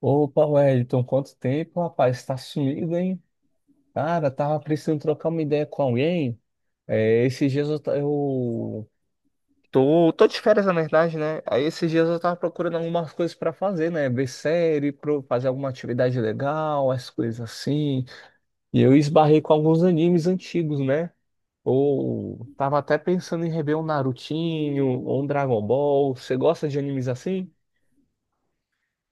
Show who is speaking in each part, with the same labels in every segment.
Speaker 1: Opa, Wellington, quanto tempo, rapaz? Tá sumido, hein? Cara, tava precisando trocar uma ideia com alguém. É, esses dias eu tô de férias, na verdade, né? Aí esses dias eu tava procurando algumas coisas pra fazer, né? Ver série, fazer alguma atividade legal, as coisas assim. E eu esbarrei com alguns animes antigos, né? Ou tava até pensando em rever um Narutinho ou um Dragon Ball. Você gosta de animes assim?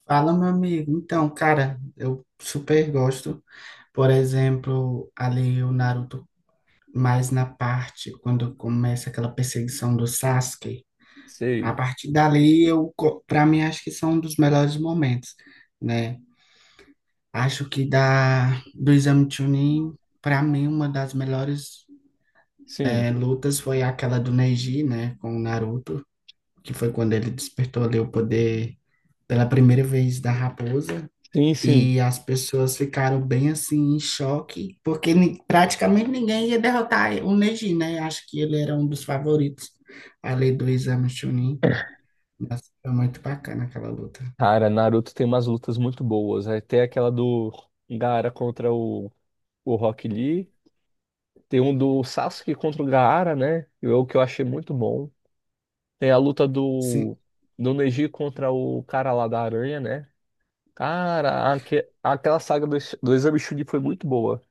Speaker 2: Fala, meu amigo. Então, cara, eu super gosto. Por exemplo, ali o Naruto, mais na parte quando começa aquela perseguição do Sasuke. A
Speaker 1: Sei.
Speaker 2: partir dali, pra mim, acho que são um dos melhores momentos, né? Acho que do Exame Chunin, pra mim, uma das melhores
Speaker 1: Sim,
Speaker 2: lutas foi aquela do Neji, né, com o Naruto, que foi quando ele despertou ali o poder pela primeira vez da raposa.
Speaker 1: sim, sim.
Speaker 2: E as pessoas ficaram bem assim em choque, porque praticamente ninguém ia derrotar o Neji, né? Acho que ele era um dos favoritos, além do Exame Chunin. Mas foi muito bacana aquela luta.
Speaker 1: Cara, Naruto tem umas lutas muito boas. Aí tem aquela do Gaara contra o Rock Lee. Tem um do Sasuke contra o Gaara, né? Que é o que eu achei muito bom. Tem a luta
Speaker 2: Sim,
Speaker 1: do, do, Neji contra o cara lá da aranha, né? Cara, aquela saga do, do, Exame Chunin foi muito boa.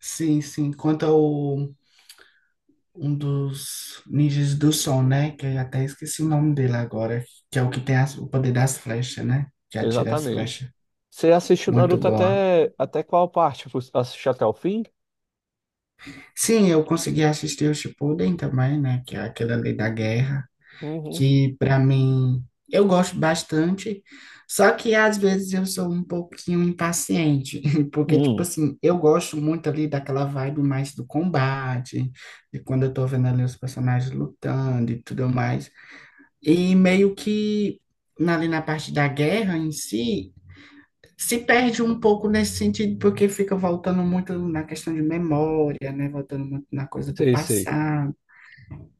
Speaker 2: sim, sim. Quanto ao um dos ninjas do som, né? Que eu até esqueci o nome dele agora, que é o que tem o poder das flechas, né? Que atira as
Speaker 1: Exatamente.
Speaker 2: flechas.
Speaker 1: Você assistiu
Speaker 2: Muito
Speaker 1: Naruto
Speaker 2: boa.
Speaker 1: até qual parte? Você assistiu até o fim?
Speaker 2: Sim, eu consegui assistir o Shippuden também, né? Que é aquele ali da guerra.
Speaker 1: Uhum.
Speaker 2: Que para mim eu gosto bastante, só que às vezes eu sou um pouquinho impaciente, porque tipo
Speaker 1: Hum,
Speaker 2: assim, eu gosto muito ali daquela vibe mais do combate, de quando eu tô vendo ali os personagens lutando e tudo mais. E meio que ali na parte da guerra em si, se perde um pouco nesse sentido, porque fica voltando muito na questão de memória, né? Voltando muito na coisa do
Speaker 1: sei, sei.
Speaker 2: passado.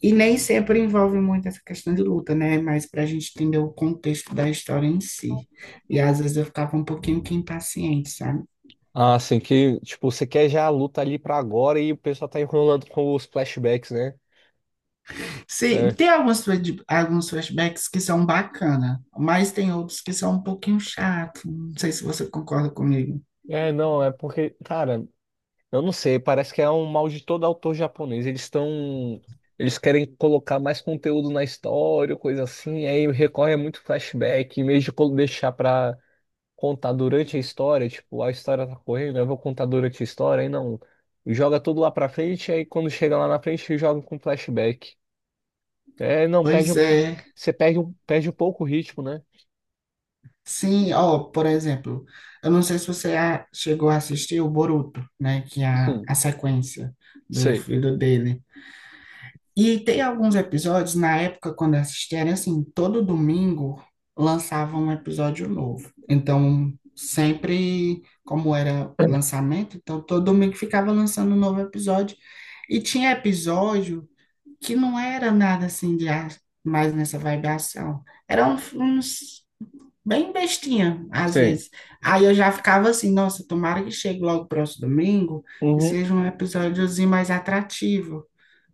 Speaker 2: E nem sempre envolve muito essa questão de luta, né? Mas para a gente entender o contexto da história em si. E às vezes eu ficava um pouquinho que impaciente, sabe?
Speaker 1: Ah, assim, que, tipo, você quer já a luta ali pra agora e o pessoal tá enrolando com os flashbacks, né?
Speaker 2: Sim,
Speaker 1: É.
Speaker 2: tem alguns flashbacks que são bacana, mas tem outros que são um pouquinho chato. Não sei se você concorda comigo.
Speaker 1: É, não, é porque, cara, eu não sei, parece que é um mal de todo autor japonês. Eles estão. Eles querem colocar mais conteúdo na história, coisa assim, aí recorre a muito flashback, em vez de deixar pra contar durante a história, tipo, a história tá correndo, eu vou contar durante a história, aí não. Joga tudo lá pra frente, aí quando chega lá na frente, joga com flashback. É, não, perde
Speaker 2: Pois
Speaker 1: um,
Speaker 2: é.
Speaker 1: você perde um pouco o ritmo, né?
Speaker 2: Sim, ó, por exemplo, eu não sei se chegou a assistir o Boruto, né? Que é
Speaker 1: Sim,
Speaker 2: a sequência do
Speaker 1: sei,
Speaker 2: filho dele. E tem alguns episódios, na época, quando eu assistia, era assim, todo domingo lançava um episódio novo. Então, sempre, como era lançamento, então todo domingo ficava lançando um novo episódio. E tinha episódio que não era nada assim mais nessa vibe ação. Uns bem bestinha, às
Speaker 1: sei.
Speaker 2: vezes. Aí eu já ficava assim, nossa, tomara que chegue logo o próximo domingo e
Speaker 1: Uhum.
Speaker 2: seja um episódiozinho mais atrativo,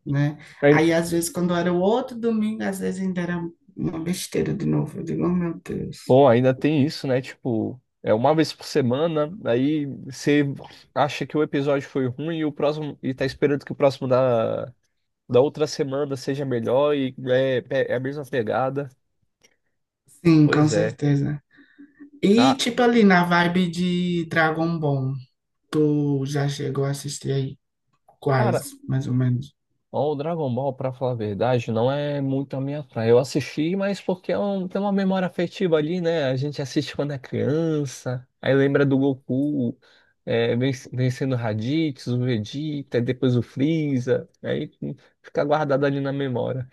Speaker 2: né?
Speaker 1: Aí-
Speaker 2: Aí, às vezes, quando era o outro domingo, às vezes ainda era uma besteira de novo. Eu digo, oh, meu Deus.
Speaker 1: Bom, ainda tem isso, né? Tipo, é uma vez por semana, aí você acha que o episódio foi ruim e o próximo e tá esperando que o próximo da, outra semana seja melhor e é a mesma pegada.
Speaker 2: Sim, com
Speaker 1: Pois é.
Speaker 2: certeza. E,
Speaker 1: Ca-
Speaker 2: tipo, ali na vibe de Dragon Ball, tu já chegou a assistir aí quais,
Speaker 1: Cara,
Speaker 2: mais ou menos?
Speaker 1: ó, o Dragon Ball, pra falar a verdade, não é muito a minha praia. Eu assisti, mas porque é tem uma memória afetiva ali, né? A gente assiste quando é criança, aí lembra do Goku, é, vencendo o Raditz, o Vegeta, e depois o Freeza, aí fica guardado ali na memória.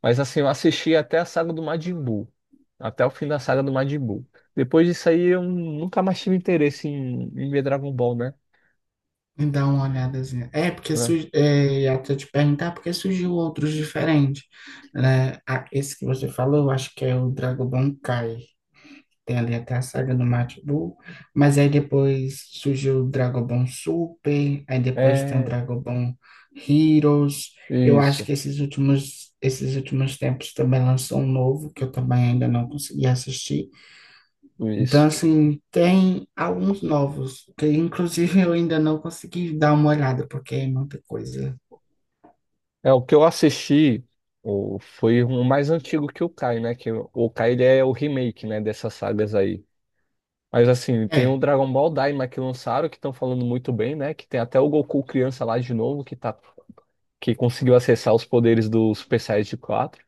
Speaker 1: Mas assim, eu assisti até a saga do Majin Buu, até o fim da saga do Majin Buu. Depois disso aí, eu nunca mais tive interesse em ver Dragon Ball, né?
Speaker 2: Me dá uma olhadazinha. É, porque
Speaker 1: Né?
Speaker 2: su- é, ia até te perguntar, porque surgiu outros diferentes, né? Ah, esse que você falou, eu acho que é o Dragon Ball Kai. Tem ali até a saga do Majin Buu, mas aí depois surgiu o Dragon Ball Super, aí depois tem o
Speaker 1: É,
Speaker 2: Dragon Ball Heroes. Eu acho
Speaker 1: isso.
Speaker 2: que esses últimos tempos também lançou um novo, que eu também ainda não consegui assistir. Então,
Speaker 1: Isso.
Speaker 2: assim, tem alguns novos, que inclusive eu ainda não consegui dar uma olhada, porque é muita coisa.
Speaker 1: É, o que eu assisti foi o mais antigo que o Kai, né? Que o Kai ele é o remake, né, dessas sagas aí. Mas assim, tem o
Speaker 2: É,
Speaker 1: Dragon Ball Daima que lançaram, que estão falando muito bem, né? Que tem até o Goku criança lá de novo, que conseguiu acessar os poderes do Super Saiyajin quatro,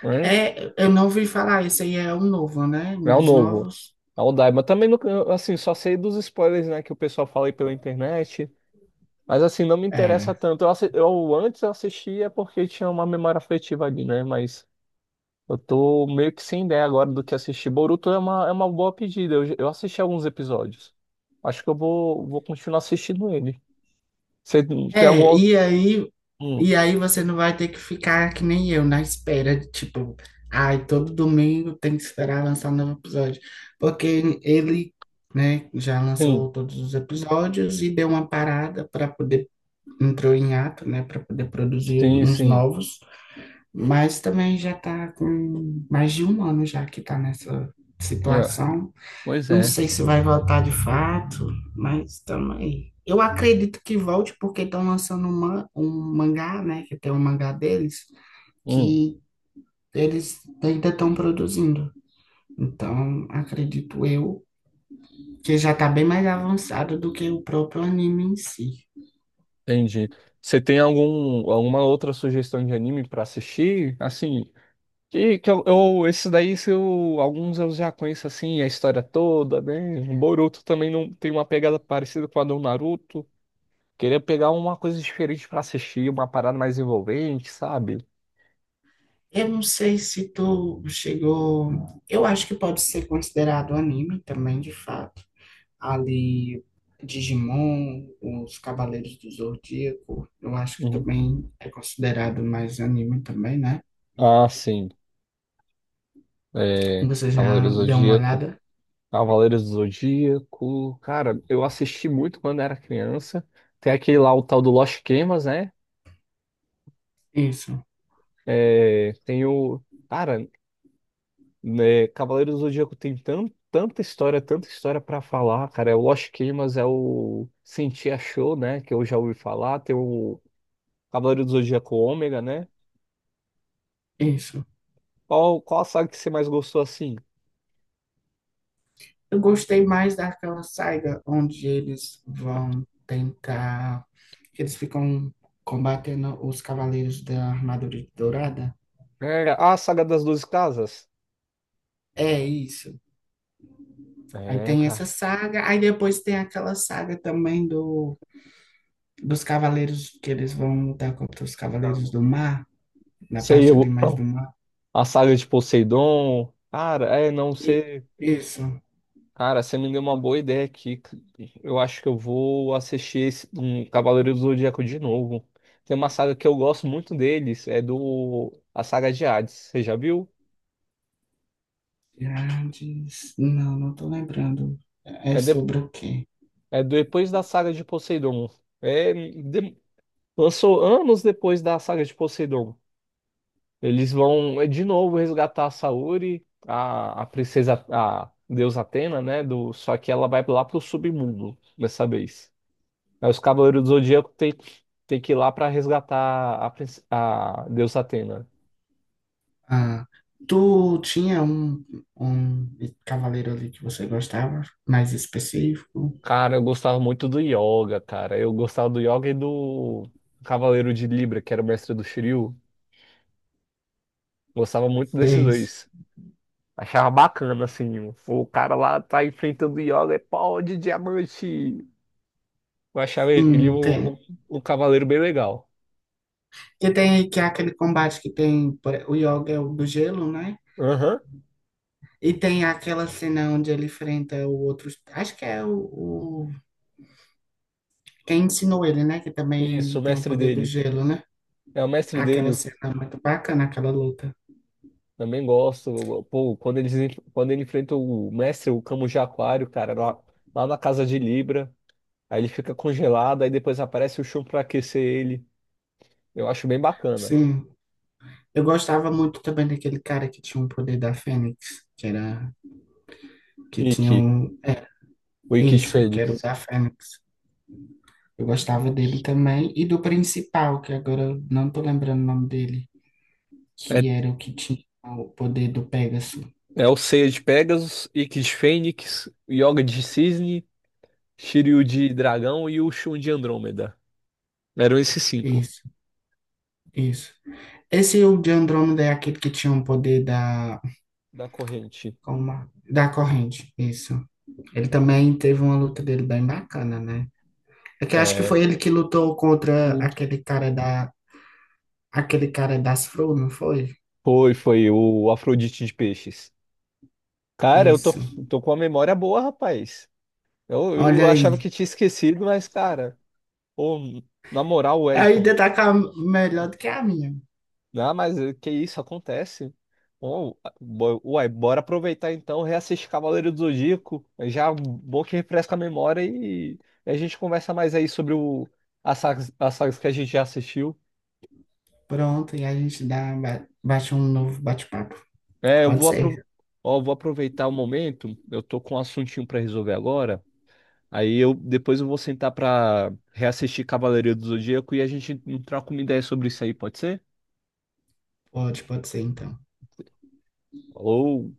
Speaker 1: né?
Speaker 2: é, eu não ouvi falar, esse aí é um novo, né? Um
Speaker 1: É o
Speaker 2: dos
Speaker 1: novo.
Speaker 2: novos.
Speaker 1: É o Daima. Também, eu, assim, só sei dos spoilers, né, que o pessoal fala aí pela internet. Mas assim, não me interessa
Speaker 2: É.
Speaker 1: tanto. Eu antes eu assistia porque tinha uma memória afetiva ali, né? Mas eu tô meio que sem ideia agora do que assistir. Boruto é uma, boa pedida. Eu assisti alguns episódios. Acho que eu vou continuar assistindo ele. Você tem algum
Speaker 2: É,
Speaker 1: outro?
Speaker 2: e aí,
Speaker 1: Hum,
Speaker 2: e aí você não vai ter que ficar que nem eu, na espera, de, tipo, ai, todo domingo tem que esperar lançar um novo episódio. Porque ele, né, já
Speaker 1: sim,
Speaker 2: lançou todos os episódios e deu uma parada para poder, entrou em ato, né, para poder produzir
Speaker 1: sim,
Speaker 2: uns
Speaker 1: sim.
Speaker 2: novos. Mas também já tá com mais de um ano já que tá nessa
Speaker 1: É,
Speaker 2: situação.
Speaker 1: pois
Speaker 2: Não
Speaker 1: é.
Speaker 2: sei se vai voltar de fato, mas também. Eu acredito que volte porque estão lançando um mangá, né? Que tem um mangá deles,
Speaker 1: Hum,
Speaker 2: que eles ainda estão produzindo. Então, acredito eu que já está bem mais avançado do que o próprio anime em si.
Speaker 1: entendi. Você tem alguma outra sugestão de anime pra assistir? Assim, que esse daí, se eu- alguns eu já conheço assim, a história toda, né? O Boruto também não tem uma pegada parecida com a do Naruto. Queria pegar uma coisa diferente pra assistir, uma parada mais envolvente, sabe?
Speaker 2: Eu não sei se tu chegou. Eu acho que pode ser considerado anime também, de fato. Ali Digimon, os Cavaleiros do Zodíaco, eu acho que
Speaker 1: Uhum.
Speaker 2: também é considerado mais anime também, né?
Speaker 1: Ah, sim. É,
Speaker 2: Você já
Speaker 1: Cavaleiros do
Speaker 2: deu uma
Speaker 1: Zodíaco.
Speaker 2: olhada?
Speaker 1: Cavaleiros do Zodíaco. Cara, eu assisti muito quando era criança. Tem aquele lá, o tal do Lost Canvas, né?
Speaker 2: Isso,
Speaker 1: É, tem o. Cara, né, Cavaleiros do Zodíaco tem tanta história, tanta história pra falar, cara. É o Lost Canvas é o Sentia Show, né? Que eu já ouvi falar. Tem o Cavaleiros do Zodíaco Ômega, né?
Speaker 2: isso.
Speaker 1: Qual a saga que você mais gostou assim?
Speaker 2: Eu gostei mais daquela saga onde eles vão tentar, que eles ficam combatendo os Cavaleiros da Armadura Dourada.
Speaker 1: É, a saga das 12 casas.
Speaker 2: É isso. Aí
Speaker 1: É,
Speaker 2: tem
Speaker 1: cara.
Speaker 2: essa saga, aí depois tem aquela saga também dos Cavaleiros que eles vão lutar contra os
Speaker 1: Tá.
Speaker 2: Cavaleiros do Mar. Na
Speaker 1: Sei,
Speaker 2: parte ali
Speaker 1: eu,
Speaker 2: mais do mar.
Speaker 1: a saga de Poseidon. Cara, é, não
Speaker 2: E
Speaker 1: sei.
Speaker 2: isso,
Speaker 1: Cara, você me deu uma boa ideia aqui. Eu acho que eu vou assistir um Cavaleiro do Zodíaco de novo. Tem uma saga que eu gosto muito deles, é do a saga de Hades. Você já viu?
Speaker 2: Pirades. Não, não tô lembrando. É
Speaker 1: É,
Speaker 2: sobre o quê?
Speaker 1: é depois da saga de Poseidon. É, lançou anos depois da saga de Poseidon. Eles vão de novo resgatar a Saori, a princesa, a deusa Atena, né? Só que ela vai lá pro submundo dessa vez. Aí os Cavaleiros do Zodíaco tem, que ir lá pra resgatar a deusa Atena.
Speaker 2: Ah, tu tinha um cavaleiro ali que você gostava, mais específico?
Speaker 1: Cara, eu gostava muito do Yoga, cara. Eu gostava do Yoga e do Cavaleiro de Libra, que era o mestre do Shiryu. Gostava muito desses
Speaker 2: Seis.
Speaker 1: dois. Achava bacana, assim. O cara lá tá enfrentando o Yoga, é pau de diamante. Eu achava ele
Speaker 2: Sim,
Speaker 1: um,
Speaker 2: tem.
Speaker 1: um cavaleiro bem legal.
Speaker 2: Que tem que é aquele combate que tem o Yoga é o do gelo, né?
Speaker 1: Aham.
Speaker 2: E tem aquela cena onde ele enfrenta o outro. Acho que é o- quem ensinou ele, né? Que
Speaker 1: Isso,
Speaker 2: também
Speaker 1: o
Speaker 2: tem o
Speaker 1: mestre
Speaker 2: poder do
Speaker 1: dele.
Speaker 2: gelo, né?
Speaker 1: É o mestre
Speaker 2: Aquela
Speaker 1: dele,
Speaker 2: cena muito bacana, aquela luta.
Speaker 1: também gosto. Pô, quando ele enfrenta o mestre, o Camus de Aquário, cara, lá, na casa de Libra. Aí ele fica congelado, aí depois aparece o Shun pra aquecer ele. Eu acho bem bacana.
Speaker 2: Sim, eu gostava muito também daquele cara que tinha um poder da Fênix, que era, que tinha
Speaker 1: Ikki,
Speaker 2: um, é,
Speaker 1: o Ikki de
Speaker 2: isso, que era o
Speaker 1: Fênix.
Speaker 2: da Fênix. Eu gostava dele também e do principal, que agora eu não tô lembrando o nome dele,
Speaker 1: É,
Speaker 2: que era o que tinha o poder do Pegasus.
Speaker 1: é, o Seiya de Pegasus, Ikki de Fênix, Yoga de Cisne, Shiryu de Dragão e o Shun de Andrômeda. Eram esses cinco
Speaker 2: Isso, isso. Esse o de Andrômeda é aquele que tinha um poder da,
Speaker 1: da corrente.
Speaker 2: como, é? Da corrente, isso. Ele também teve uma luta dele bem bacana, né? É que eu acho que foi ele que lutou contra
Speaker 1: Hum.
Speaker 2: aquele cara das Fro, não foi?
Speaker 1: Foi o Afrodite de Peixes. Cara, eu tô,
Speaker 2: Isso.
Speaker 1: tô com a memória boa, rapaz. Eu,
Speaker 2: Olha
Speaker 1: eu achava
Speaker 2: aí.
Speaker 1: que tinha esquecido, mas, cara, ô, na moral, Wellington,
Speaker 2: Ainda tá com a, melhor do que a minha.
Speaker 1: ah, mas que isso acontece? Ô, uai, bora aproveitar então, reassistir Cavaleiro do Zodíaco. É já bom que refresca a memória e a gente conversa mais aí sobre as sagas, que a gente já assistiu.
Speaker 2: Pronto, e a gente dá, baixa um novo bate-papo.
Speaker 1: É, eu
Speaker 2: Pode
Speaker 1: vou, apro
Speaker 2: ser.
Speaker 1: ó, eu vou aproveitar o momento, eu tô com um assuntinho pra resolver agora. Aí eu depois eu vou sentar pra reassistir Cavaleiro do Zodíaco e a gente troca uma ideia sobre isso aí, pode ser?
Speaker 2: Pode, pode ser então.
Speaker 1: Falou!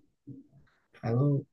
Speaker 2: Falou.